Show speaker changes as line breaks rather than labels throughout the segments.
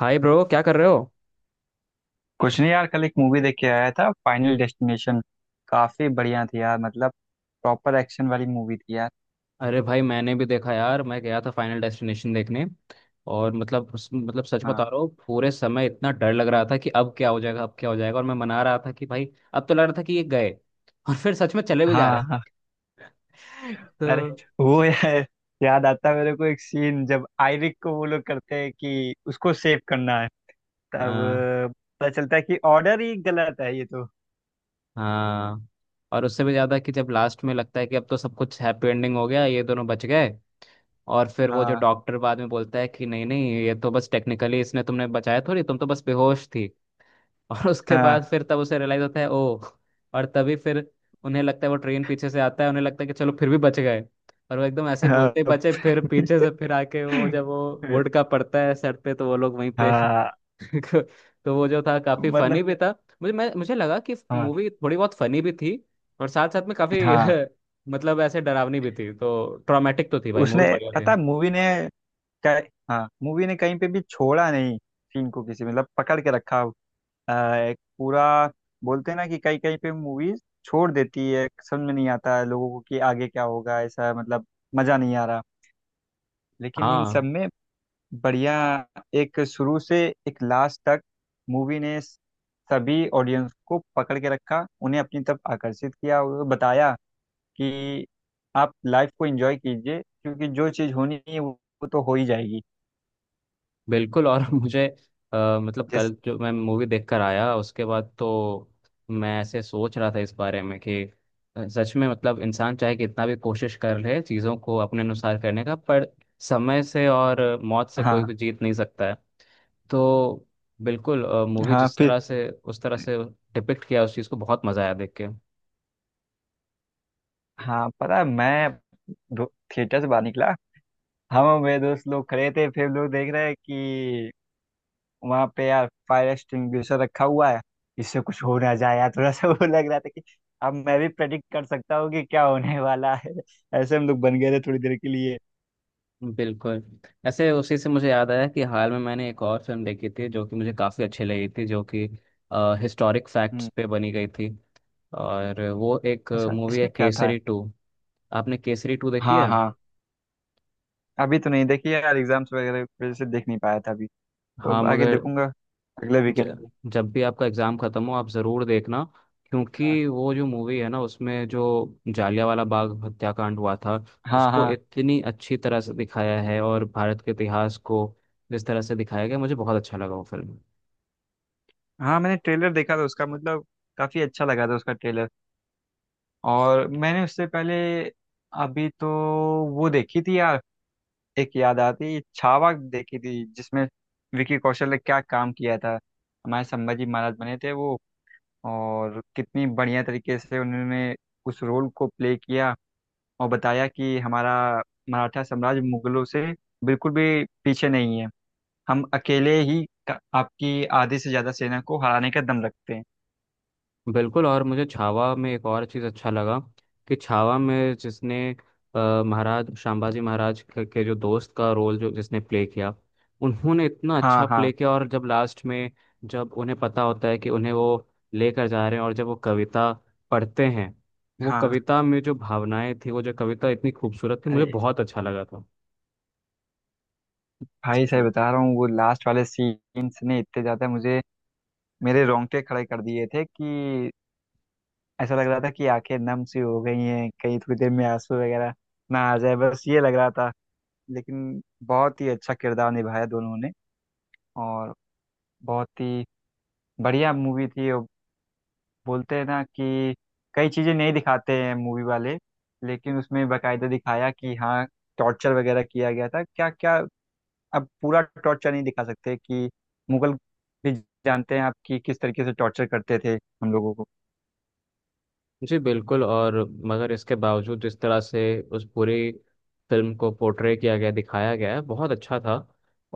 हाय bro, क्या कर रहे हो?
कुछ नहीं यार। कल एक मूवी देख के आया था, फाइनल डेस्टिनेशन। काफी बढ़िया थी यार, मतलब प्रॉपर एक्शन वाली मूवी थी यार।
अरे भाई, मैंने भी देखा यार। मैं गया था फाइनल डेस्टिनेशन देखने। और मतलब सच
हाँ।
बता रहा हूँ, पूरे समय इतना डर लग रहा था कि अब क्या हो जाएगा, अब क्या हो जाएगा। और मैं मना रहा था कि भाई, अब तो लग रहा था कि ये गए। और फिर सच में चले भी जा रहे
हाँ। हाँ।
हैं। तो
अरे वो यार, याद आता है मेरे को एक सीन, जब आयरिक को वो लोग करते हैं कि उसको सेव करना है, तब
हाँ,
अ, पता चलता है कि ऑर्डर ही गलत है ये तो।
हाँ। और उससे भी ज्यादा कि जब लास्ट में लगता है कि अब तो सब कुछ हैप्पी एंडिंग हो गया, ये दोनों बच गए। और फिर वो जो
हाँ।
डॉक्टर बाद में बोलता है कि नहीं नहीं, ये तो बस टेक्निकली इसने तुमने बचाया थोड़ी, तुम तो बस बेहोश थी। और उसके
हाँ।
बाद फिर तब उसे रियलाइज होता है, ओ। और तभी फिर उन्हें लगता है वो ट्रेन पीछे से आता है, उन्हें लगता है कि चलो फिर भी बच गए। और वो एकदम ऐसे ही बोलते ही
हाँ।
बचे, फिर पीछे से फिर आके वो जब वो वुड का पड़ता है सर पे, तो वो लोग वहीं पे।
हाँ,
तो वो जो था, काफी
मतलब।
फनी भी था। मुझे लगा कि
हाँ।
मूवी थोड़ी बहुत फनी भी थी। और साथ साथ में काफी
हाँ।
मतलब ऐसे डरावनी भी थी। तो ट्रॉमेटिक तो थी भाई,
उसने
मूवी बढ़िया थी।
पता मूवी ने हाँ, मूवी ने कहीं पे भी छोड़ा नहीं। सीन को किसी मतलब पकड़ के रखा। एक पूरा बोलते हैं ना कि कहीं कहीं पे मूवीज छोड़ देती है, समझ में नहीं आता है लोगों को कि आगे क्या होगा, ऐसा। मतलब मजा नहीं आ रहा, लेकिन इन
हाँ
सब में बढ़िया। एक शुरू से एक लास्ट तक मूवी ने सभी ऑडियंस को पकड़ के रखा, उन्हें अपनी तरफ आकर्षित किया और बताया कि आप लाइफ को एंजॉय कीजिए क्योंकि जो चीज़ होनी है वो तो हो ही जाएगी।
बिल्कुल। और मुझे मतलब कल
जैसे।
जो मैं मूवी देखकर आया उसके बाद तो मैं ऐसे सोच रहा था इस बारे में कि सच में मतलब इंसान चाहे कितना भी कोशिश कर ले चीज़ों को अपने अनुसार करने का, पर समय से और मौत से कोई
हाँ।
भी जीत नहीं सकता है। तो बिल्कुल, मूवी
हाँ
जिस
फिर।
तरह से उस तरह से डिपिक्ट किया उस चीज़ को, बहुत मज़ा आया देख के।
हाँ, पता है मैं दो- थिएटर से बाहर निकला, हम और मेरे दोस्त लोग खड़े थे, फिर लोग देख रहे हैं कि वहाँ पे यार फायर एक्सटिंग्विशर रखा हुआ है, इससे कुछ हो ना जाए यार, थोड़ा सा वो लग रहा था कि अब मैं भी प्रेडिक्ट कर सकता हूँ कि क्या होने वाला है। ऐसे हम लोग बन गए थे थोड़ी देर के लिए।
बिल्कुल। ऐसे उसी से मुझे याद आया कि हाल में मैंने एक और फिल्म देखी थी, जो कि मुझे काफ़ी अच्छी लगी थी, जो कि हिस्टोरिक फैक्ट्स
हम्म।
पे बनी गई थी। और वो एक
अच्छा,
मूवी है,
इसमें क्या था?
केसरी टू। आपने केसरी टू देखी
हाँ
है?
हाँ। अभी तो नहीं देखी यार, एग्जाम्स वगैरह की वजह से देख नहीं पाया था अभी, तो
हाँ।
अब आगे
मगर
देखूंगा अगले वीकेंड।
ज, जब भी आपका एग्ज़ाम ख़त्म हो, आप ज़रूर देखना।
हाँ।
क्योंकि वो जो मूवी है ना, उसमें जो जालियांवाला बाग हत्याकांड हुआ था,
हाँ।
उसको
हाँ।
इतनी अच्छी तरह से दिखाया है, और भारत के इतिहास को जिस तरह से दिखाया गया, मुझे बहुत अच्छा लगा वो फिल्म।
हाँ, मैंने ट्रेलर देखा था उसका, मतलब काफी अच्छा लगा था उसका ट्रेलर। और मैंने उससे पहले अभी तो वो देखी थी यार, एक याद आती छावा देखी थी जिसमें विकी कौशल ने क्या काम किया था, हमारे संभाजी महाराज बने थे वो। और कितनी बढ़िया तरीके से उन्होंने उस रोल को प्ले किया और बताया कि हमारा मराठा साम्राज्य मुगलों से बिल्कुल भी पीछे नहीं है, हम अकेले ही आपकी आधी से ज्यादा सेना को हराने का दम रखते हैं।
बिल्कुल। और मुझे छावा में एक और चीज़ अच्छा लगा, कि छावा में जिसने महाराज शांबाजी महाराज के जो दोस्त का रोल, जो जिसने प्ले किया, उन्होंने इतना
हाँ।
अच्छा प्ले
हाँ।
किया। और जब लास्ट में, जब उन्हें पता होता है कि उन्हें वो लेकर जा रहे हैं, और जब वो कविता पढ़ते हैं, वो
हाँ।
कविता में जो भावनाएं थी, वो जो कविता इतनी खूबसूरत थी, मुझे
अरे
बहुत अच्छा लगा था।
भाई
सच।
साहब, बता रहा हूँ वो लास्ट वाले सीन्स ने इतने ज्यादा मुझे मेरे रोंगटे खड़े कर दिए थे कि ऐसा लग रहा था कि आंखें नम सी हो गई हैं, कहीं थोड़ी देर में आंसू वगैरह ना आ जाए, बस ये लग रहा था। लेकिन बहुत ही अच्छा किरदार निभाया दोनों ने। और बहुत ही बढ़िया मूवी थी। और बोलते हैं ना कि कई चीजें नहीं दिखाते हैं मूवी वाले, लेकिन उसमें बकायदा दिखाया कि हाँ, टॉर्चर वगैरह किया गया था, क्या क्या। अब पूरा टॉर्चर नहीं दिखा सकते कि मुगल भी जानते हैं आप कि किस तरीके से टॉर्चर करते थे हम लोगों को।
जी बिल्कुल। और मगर इसके बावजूद जिस तरह से उस पूरी फिल्म को पोर्ट्रे किया गया, दिखाया गया है, बहुत अच्छा था।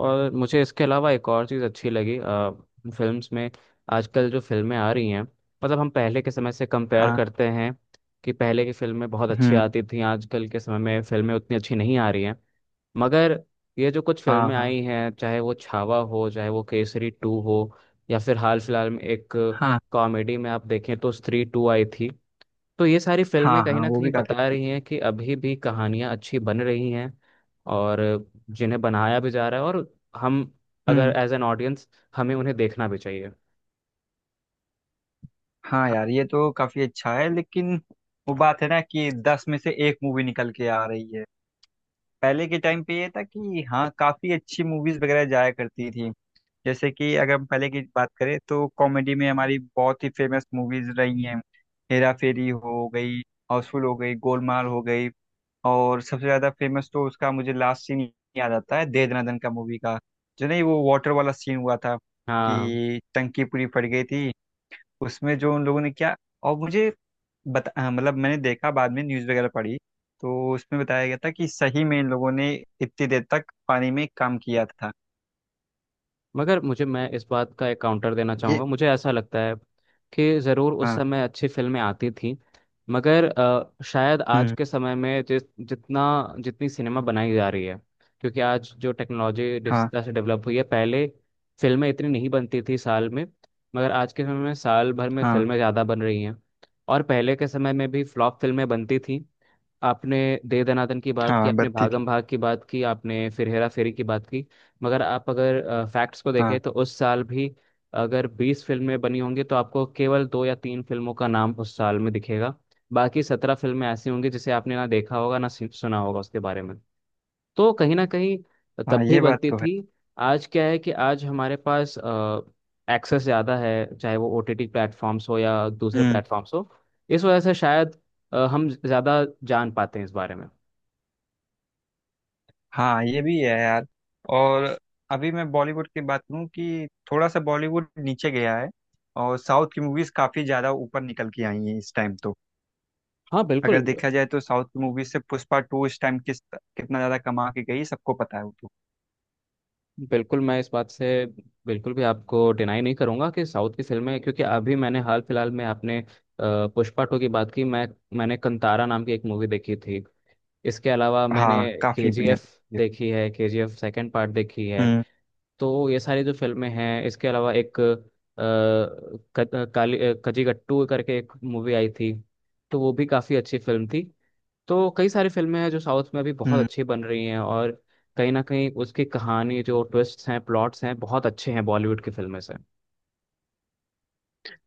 और मुझे इसके अलावा एक और चीज़ अच्छी लगी, फिल्म्स में, आजकल जो फिल्में आ रही हैं, मतलब हम पहले के समय से कंपेयर
हाँ।
करते हैं कि पहले की फिल्में बहुत अच्छी
हम्म।
आती थी, आजकल के समय में फिल्में उतनी अच्छी नहीं आ रही हैं। मगर ये जो कुछ
हाँ।
फिल्में
हाँ।
आई हैं, चाहे वो छावा हो, चाहे वो केसरी टू हो, या फिर हाल फिलहाल में एक
हाँ।
कॉमेडी में आप देखें तो स्त्री टू आई थी। तो ये सारी फिल्में
हाँ।
कहीं
हाँ,
ना
वो
कहीं
भी काफी
बता
अच्छी।
रही हैं कि अभी भी कहानियां अच्छी बन रही हैं और जिन्हें बनाया भी जा रहा है। और हम, अगर
हम्म।
एज एन ऑडियंस, हमें उन्हें देखना भी चाहिए।
हाँ
हाँ,
यार, ये तो काफी अच्छा है। लेकिन वो बात है ना कि 10 में से एक मूवी निकल के आ रही है। पहले के टाइम पे ये था कि हाँ, काफी अच्छी मूवीज वगैरह जाया करती थी। जैसे कि अगर हम पहले की बात करें, तो कॉमेडी में हमारी बहुत ही फेमस मूवीज रही हैं। हेरा फेरी हो गई, हाउसफुल हो गई, गोलमाल हो गई। और सबसे ज्यादा फेमस तो उसका मुझे लास्ट सीन याद आता है, दे दना दन का मूवी का। जो नहीं वो वाटर वाला सीन हुआ था,
हाँ।
कि टंकी पूरी फट गई थी, उसमें जो उन लोगों ने किया। और मुझे बता हाँ, मतलब मैंने देखा बाद में न्यूज़ वगैरह पढ़ी, तो उसमें बताया गया था कि सही में इन लोगों ने इतनी देर तक पानी में काम किया था।
मगर मुझे मैं इस बात का एक काउंटर देना
ये।
चाहूँगा। मुझे ऐसा लगता है कि ज़रूर उस
हाँ।
समय अच्छी फिल्में आती थीं, मगर शायद आज
हम्म।
के समय में जिस जितना जितनी सिनेमा बनाई जा रही है, क्योंकि आज जो टेक्नोलॉजी जिस
हाँ।
तरह से डेवलप हुई है, पहले फिल्में इतनी नहीं बनती थी साल में। मगर आज के समय में साल भर में
हाँ।
फिल्में ज़्यादा बन रही हैं। और पहले के समय में भी फ्लॉप फिल्में बनती थीं। आपने दे दनादन की बात की,
हाँ
आपने
बत्ती थी।
भागम भाग की बात की, आपने फिर हेरा फेरी की बात की। मगर आप अगर फैक्ट्स को देखें,
हाँ।
तो उस साल भी अगर 20 फिल्में बनी होंगी, तो आपको केवल दो या तीन फिल्मों का नाम उस साल में दिखेगा। बाकी 17 फिल्में ऐसी होंगी जिसे आपने ना देखा होगा, ना सुना होगा उसके बारे में। तो कहीं ना कहीं
हाँ
तब भी
ये बात
बनती
तो है।
थी। आज क्या है कि आज हमारे पास एक्सेस ज़्यादा है, चाहे वो ओटीटी प्लेटफॉर्म्स हो या दूसरे
हम्म।
प्लेटफॉर्म्स हो। इस वजह से शायद हम ज़्यादा जान पाते हैं इस बारे में।
हाँ ये भी है यार। और अभी मैं बॉलीवुड की बात करूँ कि थोड़ा सा बॉलीवुड नीचे गया है, और साउथ की मूवीज काफी ज्यादा ऊपर निकल के आई हैं इस टाइम तो।
हाँ
अगर
बिल्कुल।
देखा जाए तो साउथ की मूवीज से पुष्पा टू इस टाइम किस कितना ज्यादा कमा के गई सबको पता है वो तो।
बिल्कुल, मैं इस बात से बिल्कुल भी आपको डिनाई नहीं करूंगा कि साउथ की फिल्में, क्योंकि अभी मैंने हाल फिलहाल में, आपने पुष्पा टू की बात की, मैंने कंतारा नाम की एक मूवी देखी थी। इसके अलावा मैंने
हाँ, काफी बढ़िया
केजीएफ
थी।
देखी है, केजीएफ सेकंड पार्ट देखी है।
हम्म।
तो ये सारी जो फिल्में हैं, इसके अलावा एक कजिगट्टू करके एक मूवी आई थी, तो वो भी काफ़ी अच्छी फिल्म थी। तो कई सारी फिल्में हैं जो साउथ में अभी बहुत
हम्म।
अच्छी बन रही हैं, और कहीं ना कहीं उसकी कहानी, जो ट्विस्ट्स हैं, प्लॉट्स हैं, बहुत अच्छे हैं बॉलीवुड की फिल्में से।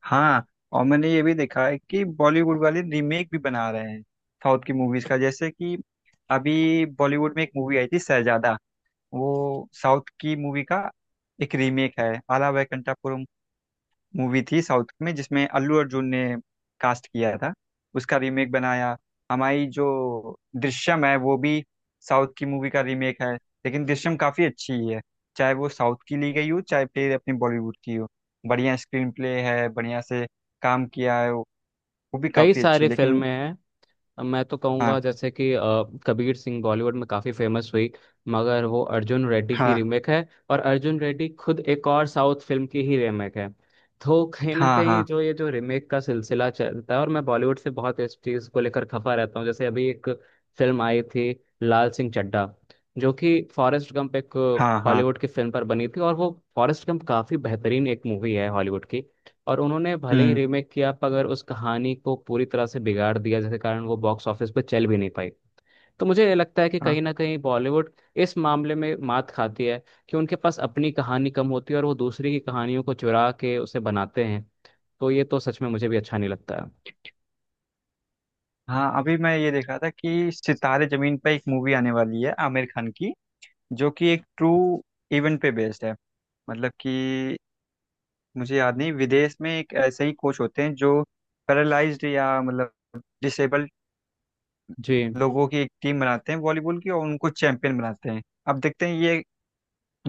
हाँ, और मैंने ये भी देखा है कि बॉलीवुड वाले रीमेक भी बना रहे हैं साउथ की मूवीज का। जैसे कि अभी बॉलीवुड में एक मूवी आई थी, शहजादा। वो साउथ की मूवी का एक रीमेक है। आला वैकुंठपुरम मूवी थी साउथ में, जिसमें अल्लू अर्जुन ने कास्ट किया था। उसका रीमेक बनाया। हमारी जो दृश्यम है वो भी साउथ की मूवी का रीमेक है, लेकिन दृश्यम काफ़ी अच्छी है। चाहे वो साउथ की ली गई हो, चाहे फिर अपनी बॉलीवुड की हो, बढ़िया स्क्रीन प्ले है, बढ़िया से काम किया है, वो भी
कई
काफ़ी अच्छी।
सारी
लेकिन
फिल्में हैं। अब मैं तो
हाँ।
कहूँगा, जैसे कि कबीर सिंह बॉलीवुड में काफ़ी फेमस हुई, मगर वो अर्जुन रेड्डी की
हाँ।
रीमेक है। और अर्जुन रेड्डी खुद एक और साउथ फिल्म की ही रीमेक है। तो कहीं ना
हाँ।
कहीं
हाँ।
जो ये जो रीमेक का सिलसिला चलता है, और मैं बॉलीवुड से बहुत इस चीज़ को लेकर खफा रहता हूँ। जैसे अभी एक फिल्म आई थी, लाल सिंह चड्ढा, जो कि फॉरेस्ट गंप, एक
हाँ। हाँ।
हॉलीवुड की फिल्म पर बनी थी, और वो फॉरेस्ट गंप काफ़ी बेहतरीन एक मूवी है हॉलीवुड की। और उन्होंने भले ही
हम्म।
रीमेक किया, पर अगर उस कहानी को पूरी तरह से बिगाड़ दिया, जिसके कारण वो बॉक्स ऑफिस पर चल भी नहीं पाई। तो मुझे ये लगता है कि
हाँ।
कहीं ना कहीं बॉलीवुड इस मामले में मात खाती है, कि उनके पास अपनी कहानी कम होती है और वो दूसरी की कहानियों को चुरा के उसे बनाते हैं। तो ये तो सच में मुझे भी अच्छा नहीं लगता है।
हाँ, अभी मैं ये देख रहा था कि सितारे जमीन पर एक मूवी आने वाली है आमिर खान की, जो कि एक ट्रू इवेंट पे बेस्ड है। मतलब कि मुझे याद नहीं, विदेश में एक ऐसे ही कोच होते हैं जो पैरालाइज्ड या मतलब डिसेबल्ड
जी।
लोगों की एक टीम बनाते हैं वॉलीबॉल की, और उनको चैंपियन बनाते हैं। अब देखते हैं ये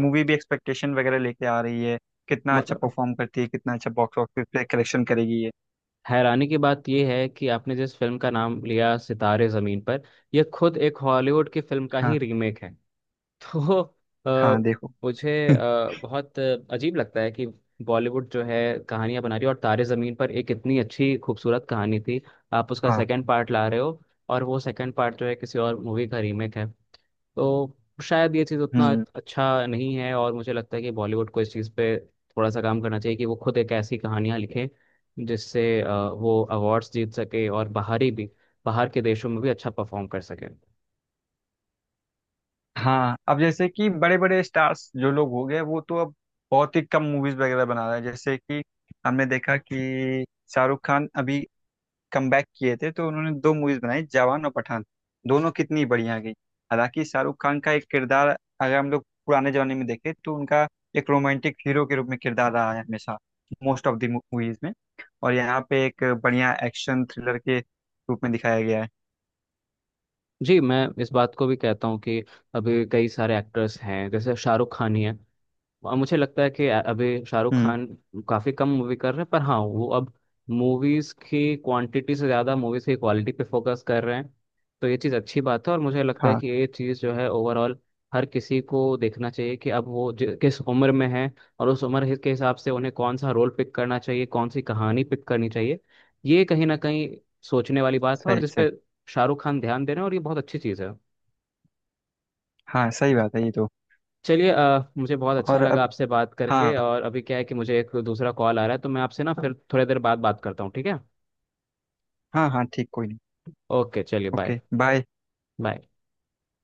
मूवी भी एक्सपेक्टेशन वगैरह लेके आ रही है, कितना अच्छा
मगर
परफॉर्म करती है, कितना अच्छा बॉक्स ऑफिस पे कलेक्शन करेगी ये।
हैरानी की बात यह है कि आपने जिस फिल्म का नाम लिया, सितारे ज़मीन पर, यह खुद एक हॉलीवुड की फिल्म का
हाँ।
ही रीमेक है। तो अ,
हाँ, देखो।
मुझे बहुत अजीब लगता है कि बॉलीवुड जो है कहानियां बना रही है, और तारे जमीन पर एक इतनी अच्छी खूबसूरत कहानी थी, आप उसका
हाँ।
सेकंड पार्ट ला रहे हो, और वो सेकंड पार्ट जो है किसी और मूवी का रीमेक है। तो शायद ये चीज़ उतना
हम्म।
अच्छा नहीं है, और मुझे लगता है कि बॉलीवुड को इस चीज़ पे थोड़ा सा काम करना चाहिए, कि वो खुद एक ऐसी कहानियां लिखें, जिससे वो अवार्ड्स जीत सके और बाहर के देशों में भी अच्छा परफॉर्म कर सके।
हाँ, अब जैसे कि बड़े बड़े स्टार्स जो लोग हो गए वो तो अब बहुत ही कम मूवीज वगैरह बना रहे हैं। जैसे कि हमने देखा कि शाहरुख खान अभी कमबैक किए थे, तो उन्होंने 2 मूवीज बनाई, जवान और पठान। दोनों कितनी बढ़िया गई। हालांकि शाहरुख खान का एक किरदार, अगर हम लोग पुराने जमाने में देखें तो उनका एक रोमांटिक हीरो के रूप में किरदार रहा है हमेशा, मोस्ट ऑफ द मूवीज में। और यहाँ पे एक बढ़िया एक्शन थ्रिलर के रूप में दिखाया गया है।
जी, मैं इस बात को भी कहता हूँ कि अभी कई सारे एक्टर्स हैं जैसे शाहरुख खान ही है। और मुझे लगता है कि अभी शाहरुख
हम्म।
खान काफी कम मूवी कर रहे हैं, पर हाँ वो अब मूवीज की क्वांटिटी से ज्यादा मूवीज की क्वालिटी पे फोकस कर रहे हैं। तो ये चीज अच्छी बात है। और मुझे लगता है
हाँ
कि ये चीज जो है ओवरऑल हर किसी को देखना चाहिए कि अब वो किस उम्र में है, और उस उम्र के हिसाब से उन्हें कौन सा रोल पिक करना चाहिए, कौन सी कहानी पिक करनी चाहिए। ये कहीं ना कहीं सोचने वाली बात है, और
सही सही।
जिसपे शाहरुख खान ध्यान दे रहे हैं, और ये बहुत अच्छी चीज है।
हाँ सही बात है ये तो।
चलिए, मुझे बहुत अच्छा
और
लगा आपसे बात करके।
हाँ।
और अभी क्या है कि मुझे एक दूसरा कॉल आ रहा है, तो मैं आपसे ना फिर थोड़ी देर बाद बात करता हूँ, ठीक है?
हाँ हाँ ठीक, कोई नहीं।
ओके, चलिए, बाय।
Okay bye.
बाय।